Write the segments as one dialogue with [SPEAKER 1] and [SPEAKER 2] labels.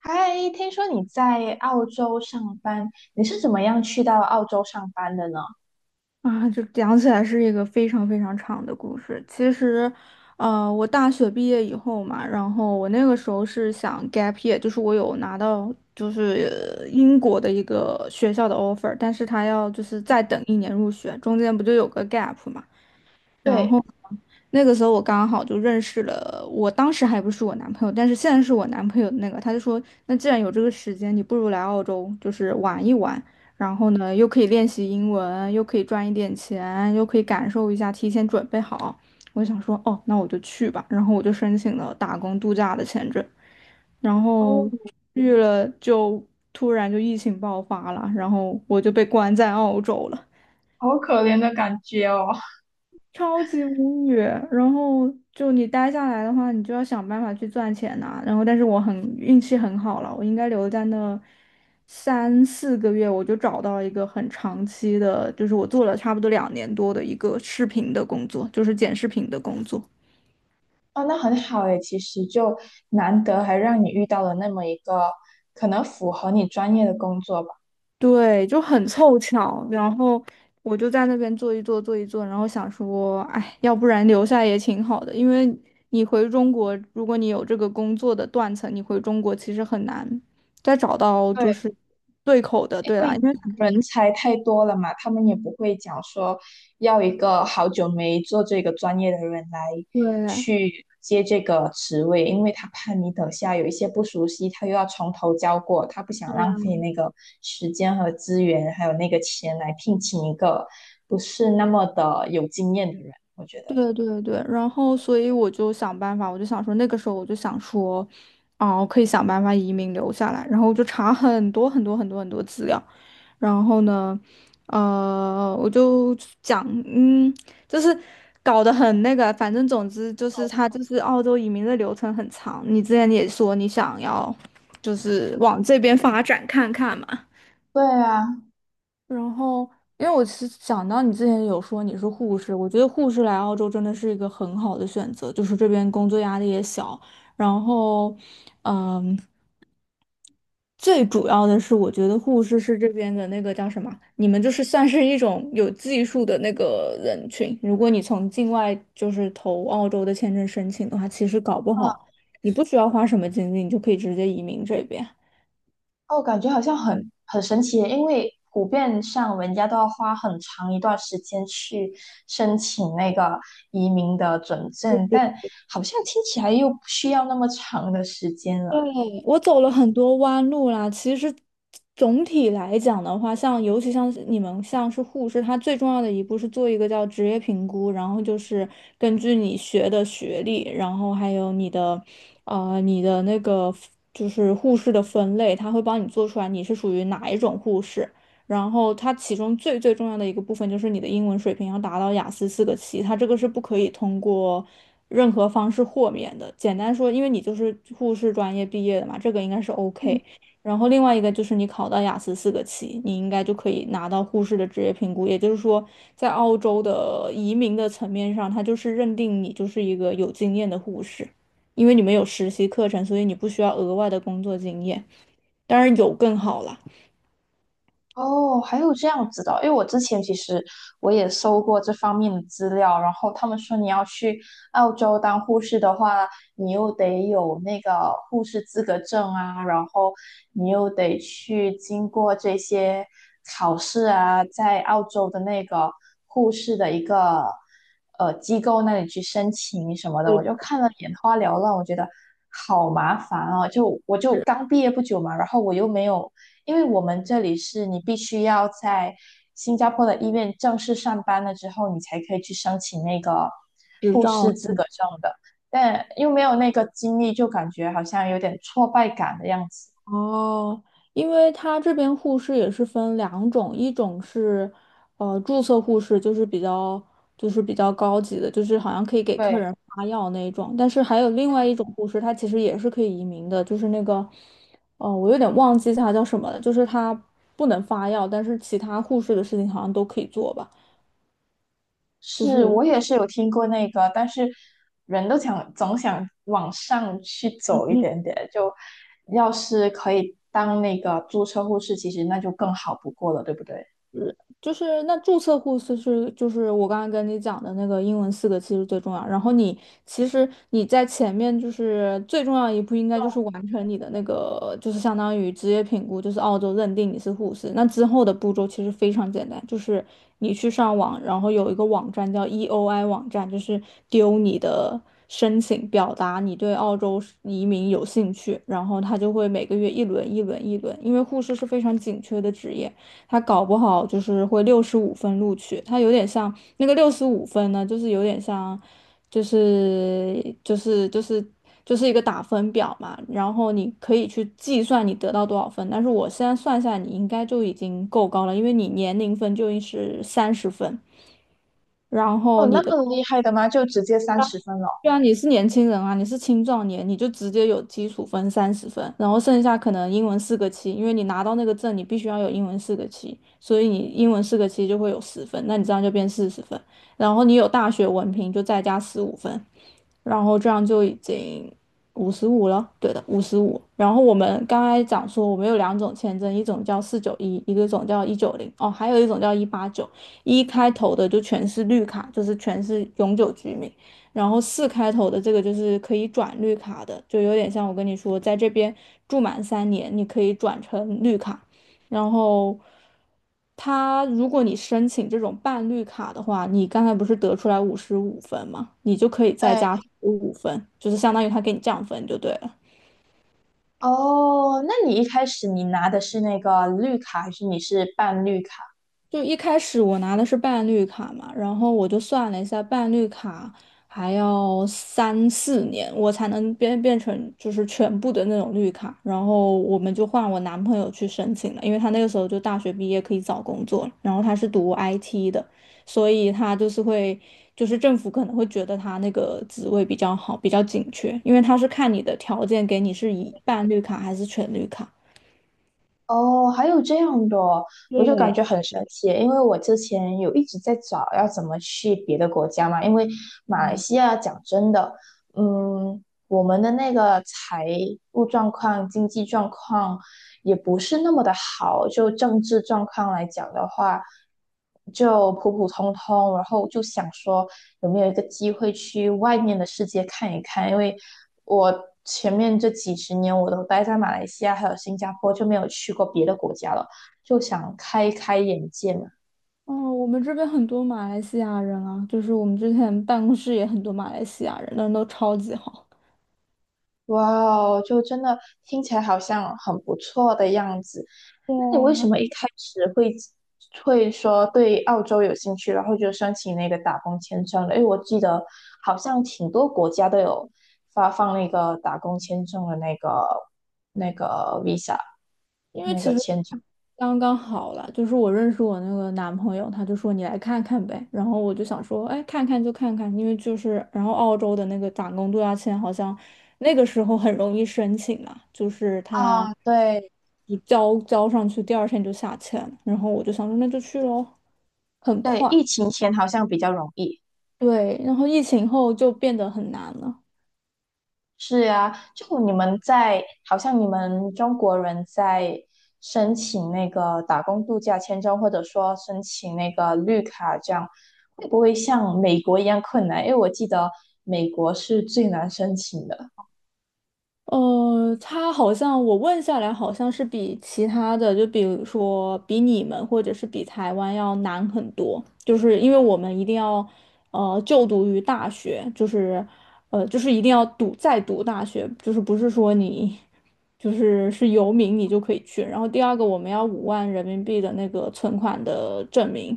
[SPEAKER 1] 嗨，听说你在澳洲上班，你是怎么样去到澳洲上班的呢？
[SPEAKER 2] 啊，就讲起来是一个非常非常长的故事。其实，我大学毕业以后嘛，然后我那个时候是想 gap year，就是我有拿到就是英国的一个学校的 offer，但是他要就是再等一年入学，中间不就有个 gap 嘛？然
[SPEAKER 1] 对。
[SPEAKER 2] 后那个时候我刚好就认识了，我当时还不是我男朋友，但是现在是我男朋友的那个，他就说，那既然有这个时间，你不如来澳洲，就是玩一玩，然后呢，又可以练习英文，又可以赚一点钱，又可以感受一下，提前准备好。我就想说，哦，那我就去吧，然后我就申请了打工度假的签证，然
[SPEAKER 1] 哦，
[SPEAKER 2] 后去了就突然就疫情爆发了，然后我就被关在澳洲了。
[SPEAKER 1] 好可怜的感觉哦。
[SPEAKER 2] 超级无语。然后就你待下来的话，你就要想办法去赚钱呐、然后，但是我很运气很好了，我应该留在那3、4个月，我就找到一个很长期的，就是我做了差不多两年多的一个视频的工作，就是剪视频的工作。
[SPEAKER 1] 哦，那很好诶，其实就难得还让你遇到了那么一个可能符合你专业的工作吧。
[SPEAKER 2] 对，就很凑巧，然后我就在那边坐一坐，然后想说，哎，要不然留下也挺好的，因为你回中国，如果你有这个工作的断层，你回中国其实很难再找到就
[SPEAKER 1] 对。
[SPEAKER 2] 是对口的，
[SPEAKER 1] 因
[SPEAKER 2] 对啦，
[SPEAKER 1] 为
[SPEAKER 2] 因为
[SPEAKER 1] 人才太多了嘛，他们也不会讲说要一个好久没做这个专业的人来
[SPEAKER 2] 对。
[SPEAKER 1] 去接这个职位，因为他怕你等下有一些不熟悉，他又要从头教过，他不想浪费那个时间和资源，还有那个钱来聘请一个不是那么的有经验的人，我觉得。
[SPEAKER 2] 对对对，然后所以我就想办法，我就想说那个时候我就想说，啊，我可以想办法移民留下来，然后我就查很多很多很多很多资料，然后呢，我就讲，就是搞得很那个，反正总之就是他就是澳洲移民的流程很长，你之前也说你想要就是往这边发展看看嘛。
[SPEAKER 1] 对啊。
[SPEAKER 2] 然后，因为我是想到你之前有说你是护士，我觉得护士来澳洲真的是一个很好的选择，就是这边工作压力也小，然后，嗯，最主要的是我觉得护士是这边的那个叫什么，你们就是算是一种有技术的那个人群，如果你从境外就是投澳洲的签证申请的话，其实搞不
[SPEAKER 1] 嗯。
[SPEAKER 2] 好你不需要花什么精力，你就可以直接移民这边。
[SPEAKER 1] 哦，感觉好像很神奇耶，因为普遍上人家都要花很长一段时间去申请那个移民的准证，但好像听起来又不需要那么长的时间了。
[SPEAKER 2] 我走了很多弯路啦。其实总体来讲的话，像尤其像是你们像是护士，它最重要的一步是做一个叫职业评估，然后就是根据你学的学历，然后还有你的那个就是护士的分类，它会帮你做出来你是属于哪一种护士。然后它其中最最重要的一个部分就是你的英文水平要达到雅思四个七，它这个是不可以通过任何方式豁免的。简单说，因为你就是护士专业毕业的嘛，这个应该是
[SPEAKER 1] 嗯。
[SPEAKER 2] OK。然后另外一个就是你考到雅思四个七，你应该就可以拿到护士的职业评估。也就是说，在澳洲的移民的层面上，它就是认定你就是一个有经验的护士，因为你们有实习课程，所以你不需要额外的工作经验。当然有更好啦，
[SPEAKER 1] 哦，还有这样子的哦，因为我之前其实我也搜过这方面的资料，然后他们说你要去澳洲当护士的话，你又得有那个护士资格证啊，然后你又得去经过这些考试啊，在澳洲的那个护士的一个机构那里去申请什么的，
[SPEAKER 2] 呃，
[SPEAKER 1] 我就看了眼花缭乱，我觉得好麻烦啊，就我就刚毕业不久嘛，然后我又没有，因为我们这里是你必须要在新加坡的医院正式上班了之后，你才可以去申请那个，
[SPEAKER 2] 执照。
[SPEAKER 1] 但又没有那个经历，就感觉好像有点挫败感的样子。
[SPEAKER 2] 哦，因为他这边护士也是分两种，一种是，注册护士，就是比较高级的，就是好像可以给客
[SPEAKER 1] 对，
[SPEAKER 2] 人发药那一种。但是还有另外一种护士，他其实也是可以移民的，就是那个，哦，我有点忘记他叫什么了，就是他不能发药，但是其他护士的事情好像都可以做吧，就是。
[SPEAKER 1] 是，我也是有听过那个，但是人都想总想往上去走一点点，就要是可以当那个注册护士，其实那就更好不过了，对不对？
[SPEAKER 2] 就是那注册护士是就是我刚刚跟你讲的那个英文四个其实最重要，然后你其实你在前面就是最重要一步应该就是完成你的那个就是相当于职业评估，就是澳洲认定你是护士。那之后的步骤其实非常简单，就是你去上网，然后有一个网站叫 EOI 网站，就是丢你的申请，表达你对澳洲移民有兴趣，然后他就会每个月一轮一轮一轮，因为护士是非常紧缺的职业。他搞不好就是会六十五分录取，他有点像那个六十五分呢，就是有点像，就是就是就是就是一个打分表嘛，然后你可以去计算你得到多少分，但是我现在算下来，你应该就已经够高了，因为你年龄分就是三十分，然
[SPEAKER 1] 哦，
[SPEAKER 2] 后你
[SPEAKER 1] 那
[SPEAKER 2] 的。
[SPEAKER 1] 么厉害的吗？就直接30分了。
[SPEAKER 2] 对啊，你是年轻人啊，你是青壮年，你就直接有基础分三十分，然后剩下可能英文四个七，因为你拿到那个证，你必须要有英文四个七，所以你英文四个七就会有十分，那你这样就变40分，然后你有大学文凭就再加十五分，然后这样就已经五十五了，对的，五十五。然后我们刚才讲说，我们有两种签证，一种叫491，一个种叫190，哦，还有一种叫189，一开头的就全是绿卡，就是全是永久居民。然后四开头的这个就是可以转绿卡的，就有点像我跟你说，在这边住满3年，你可以转成绿卡。然后，他如果你申请这种半绿卡的话，你刚才不是得出来55分吗？你就可以再加五分，就是相当于他给你降分就对了。
[SPEAKER 1] 哦，那你一开始你拿的是那个绿卡，还是你是办绿卡？
[SPEAKER 2] 就一开始我拿的是伴绿卡嘛，然后我就算了一下，伴绿卡还要3、4年我才能变成就是全部的那种绿卡，然后我们就换我男朋友去申请了，因为他那个时候就大学毕业可以找工作了，然后他是读 IT 的，所以他就是会就是政府可能会觉得他那个职位比较好，比较紧缺，因为他是看你的条件给你是以伴绿卡还是全绿卡。
[SPEAKER 1] 哦，还有这样的哦，我就感觉很神奇，因为我之前有一直在找要怎么去别的国家嘛，因为马来西亚讲真的，嗯，我们的那个财务状况、经济状况也不是那么的好，就政治状况来讲的话，就普普通通，然后就想说，有没有一个机会去外面的世界看一看？因为我前面这几十年我都待在马来西亚还有新加坡，就没有去过别的国家了，就想开开眼界嘛。
[SPEAKER 2] 哦，我们这边很多马来西亚人啊，就是我们之前办公室也很多马来西亚人，人都超级好。
[SPEAKER 1] 哇哦，就真的听起来好像很不错的样子。
[SPEAKER 2] 对
[SPEAKER 1] 那你为
[SPEAKER 2] 啊，
[SPEAKER 1] 什么一开始会说对澳洲有兴趣，然后就申请那个打工签证了？因为我记得好像挺多国家都有发放那个打工签证的那个
[SPEAKER 2] 因为
[SPEAKER 1] 那
[SPEAKER 2] 其
[SPEAKER 1] 个
[SPEAKER 2] 实
[SPEAKER 1] 签证。
[SPEAKER 2] 刚刚好了，就是我认识我那个男朋友，他就说你来看看呗，然后我就想说，哎，看看就看看，因为就是然后澳洲的那个打工度假签好像那个时候很容易申请嘛，就是他
[SPEAKER 1] 啊，对
[SPEAKER 2] 就交交上去，第二天就下签了，然后我就想说那就去喽。
[SPEAKER 1] 对，疫情前好像比较容易。
[SPEAKER 2] 对，然后疫情后就变得很难了。
[SPEAKER 1] 是啊，就你们在，好像你们中国人在申请那个打工度假签证，或者说申请那个绿卡，这样会不会像美国一样困难？因为我记得美国是最难申请的。
[SPEAKER 2] 他好像我问下来，好像是比其他的，就比如说比你们或者是比台湾要难很多，就是因为我们一定要就读于大学，就是一定要读再读大学，就是不是说你就是是游民你就可以去。然后第二个我们要5万人民币的那个存款的证明，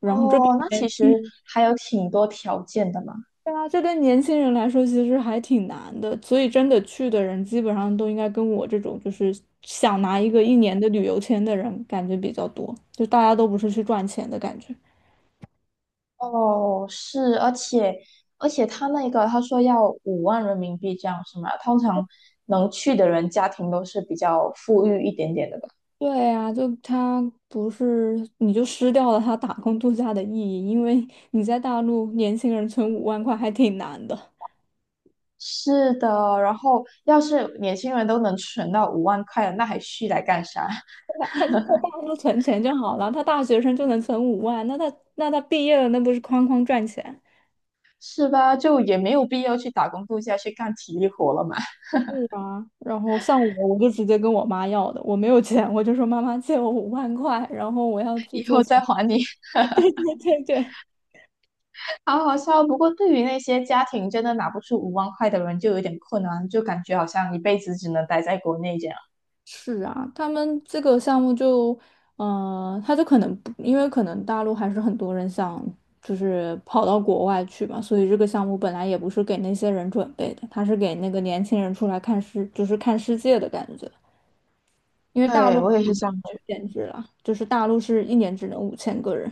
[SPEAKER 2] 然后这
[SPEAKER 1] 哦，
[SPEAKER 2] 边。
[SPEAKER 1] 那其实还有挺多条件的嘛。
[SPEAKER 2] 对啊，这对年轻人来说其实还挺难的，所以真的去的人基本上都应该跟我这种就是想拿一个一年的旅游签的人感觉比较多，就大家都不是去赚钱的感觉。
[SPEAKER 1] 哦，是，而且他那个他说要5万人民币这样是吗？通常能去的人家庭都是比较富裕一点点的吧。
[SPEAKER 2] 对啊，就他不是，你就失掉了他打工度假的意义，因为你在大陆年轻人存五万块还挺难的，
[SPEAKER 1] 是的，然后要是年轻人都能存到五万块了，那还去来干啥？
[SPEAKER 2] 对吧他就在大陆存钱就好了，他大学生就能存五万，那他那他毕业了那不是哐哐赚钱？
[SPEAKER 1] 是吧？就也没有必要去打工度假去干体力活了嘛。
[SPEAKER 2] 是啊，然后像我，我就直接跟我妈要的，我没有钱，我就说妈妈借我五万块，然后我要 去
[SPEAKER 1] 以
[SPEAKER 2] 做
[SPEAKER 1] 后
[SPEAKER 2] 成。
[SPEAKER 1] 再还你。
[SPEAKER 2] 对对对对，
[SPEAKER 1] 好好笑，不过对于那些家庭真的拿不出五万块的人，就有点困难，就感觉好像一辈子只能待在国内这样。
[SPEAKER 2] 是啊，他们这个项目就，他就可能不，因为可能大陆还是很多人想就是跑到国外去嘛，所以这个项目本来也不是给那些人准备的，他是给那个年轻人出来看世，就是看世界的感觉。因为大
[SPEAKER 1] 对，
[SPEAKER 2] 陆
[SPEAKER 1] 我
[SPEAKER 2] 还
[SPEAKER 1] 也是
[SPEAKER 2] 有
[SPEAKER 1] 这样觉
[SPEAKER 2] 限制啦，就是大陆是一年只能5000个人。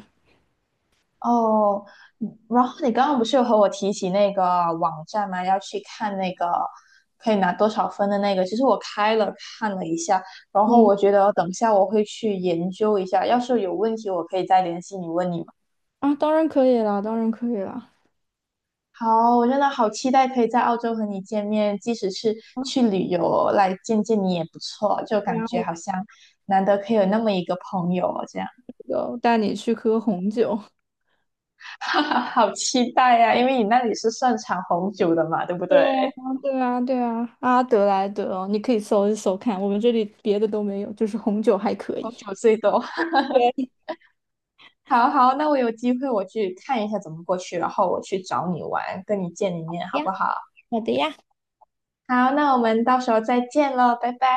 [SPEAKER 1] 哦。嗯，然后你刚刚不是有和我提起那个网站吗？要去看那个可以拿多少分的那个。其实我开了看了一下，然后
[SPEAKER 2] 嗯
[SPEAKER 1] 我觉得等一下我会去研究一下。要是有问题，我可以再联系你问你嘛。
[SPEAKER 2] 啊，当然可以啦，当然可以啦。
[SPEAKER 1] 好，我真的好期待可以在澳洲和你见面，即使是去旅游来见见你也不错，就
[SPEAKER 2] 然
[SPEAKER 1] 感觉
[SPEAKER 2] 后
[SPEAKER 1] 好像难得可以有那么一个朋友哦这样。
[SPEAKER 2] 就带你去喝红酒。
[SPEAKER 1] 哈哈，好期待呀、因为你那里是盛产红酒的嘛，对不对？
[SPEAKER 2] 对啊，对啊，对啊，阿德莱德哦，你可以搜一搜看，我们这里别的都没有，就是红酒还可
[SPEAKER 1] 红
[SPEAKER 2] 以。
[SPEAKER 1] 酒最多。
[SPEAKER 2] 对
[SPEAKER 1] 好好，那我有机会我去看一下怎么过去，然后我去找你玩，跟你见一面，好不
[SPEAKER 2] 呀，
[SPEAKER 1] 好？
[SPEAKER 2] 好的呀。
[SPEAKER 1] 好，那我们到时候再见喽，拜拜。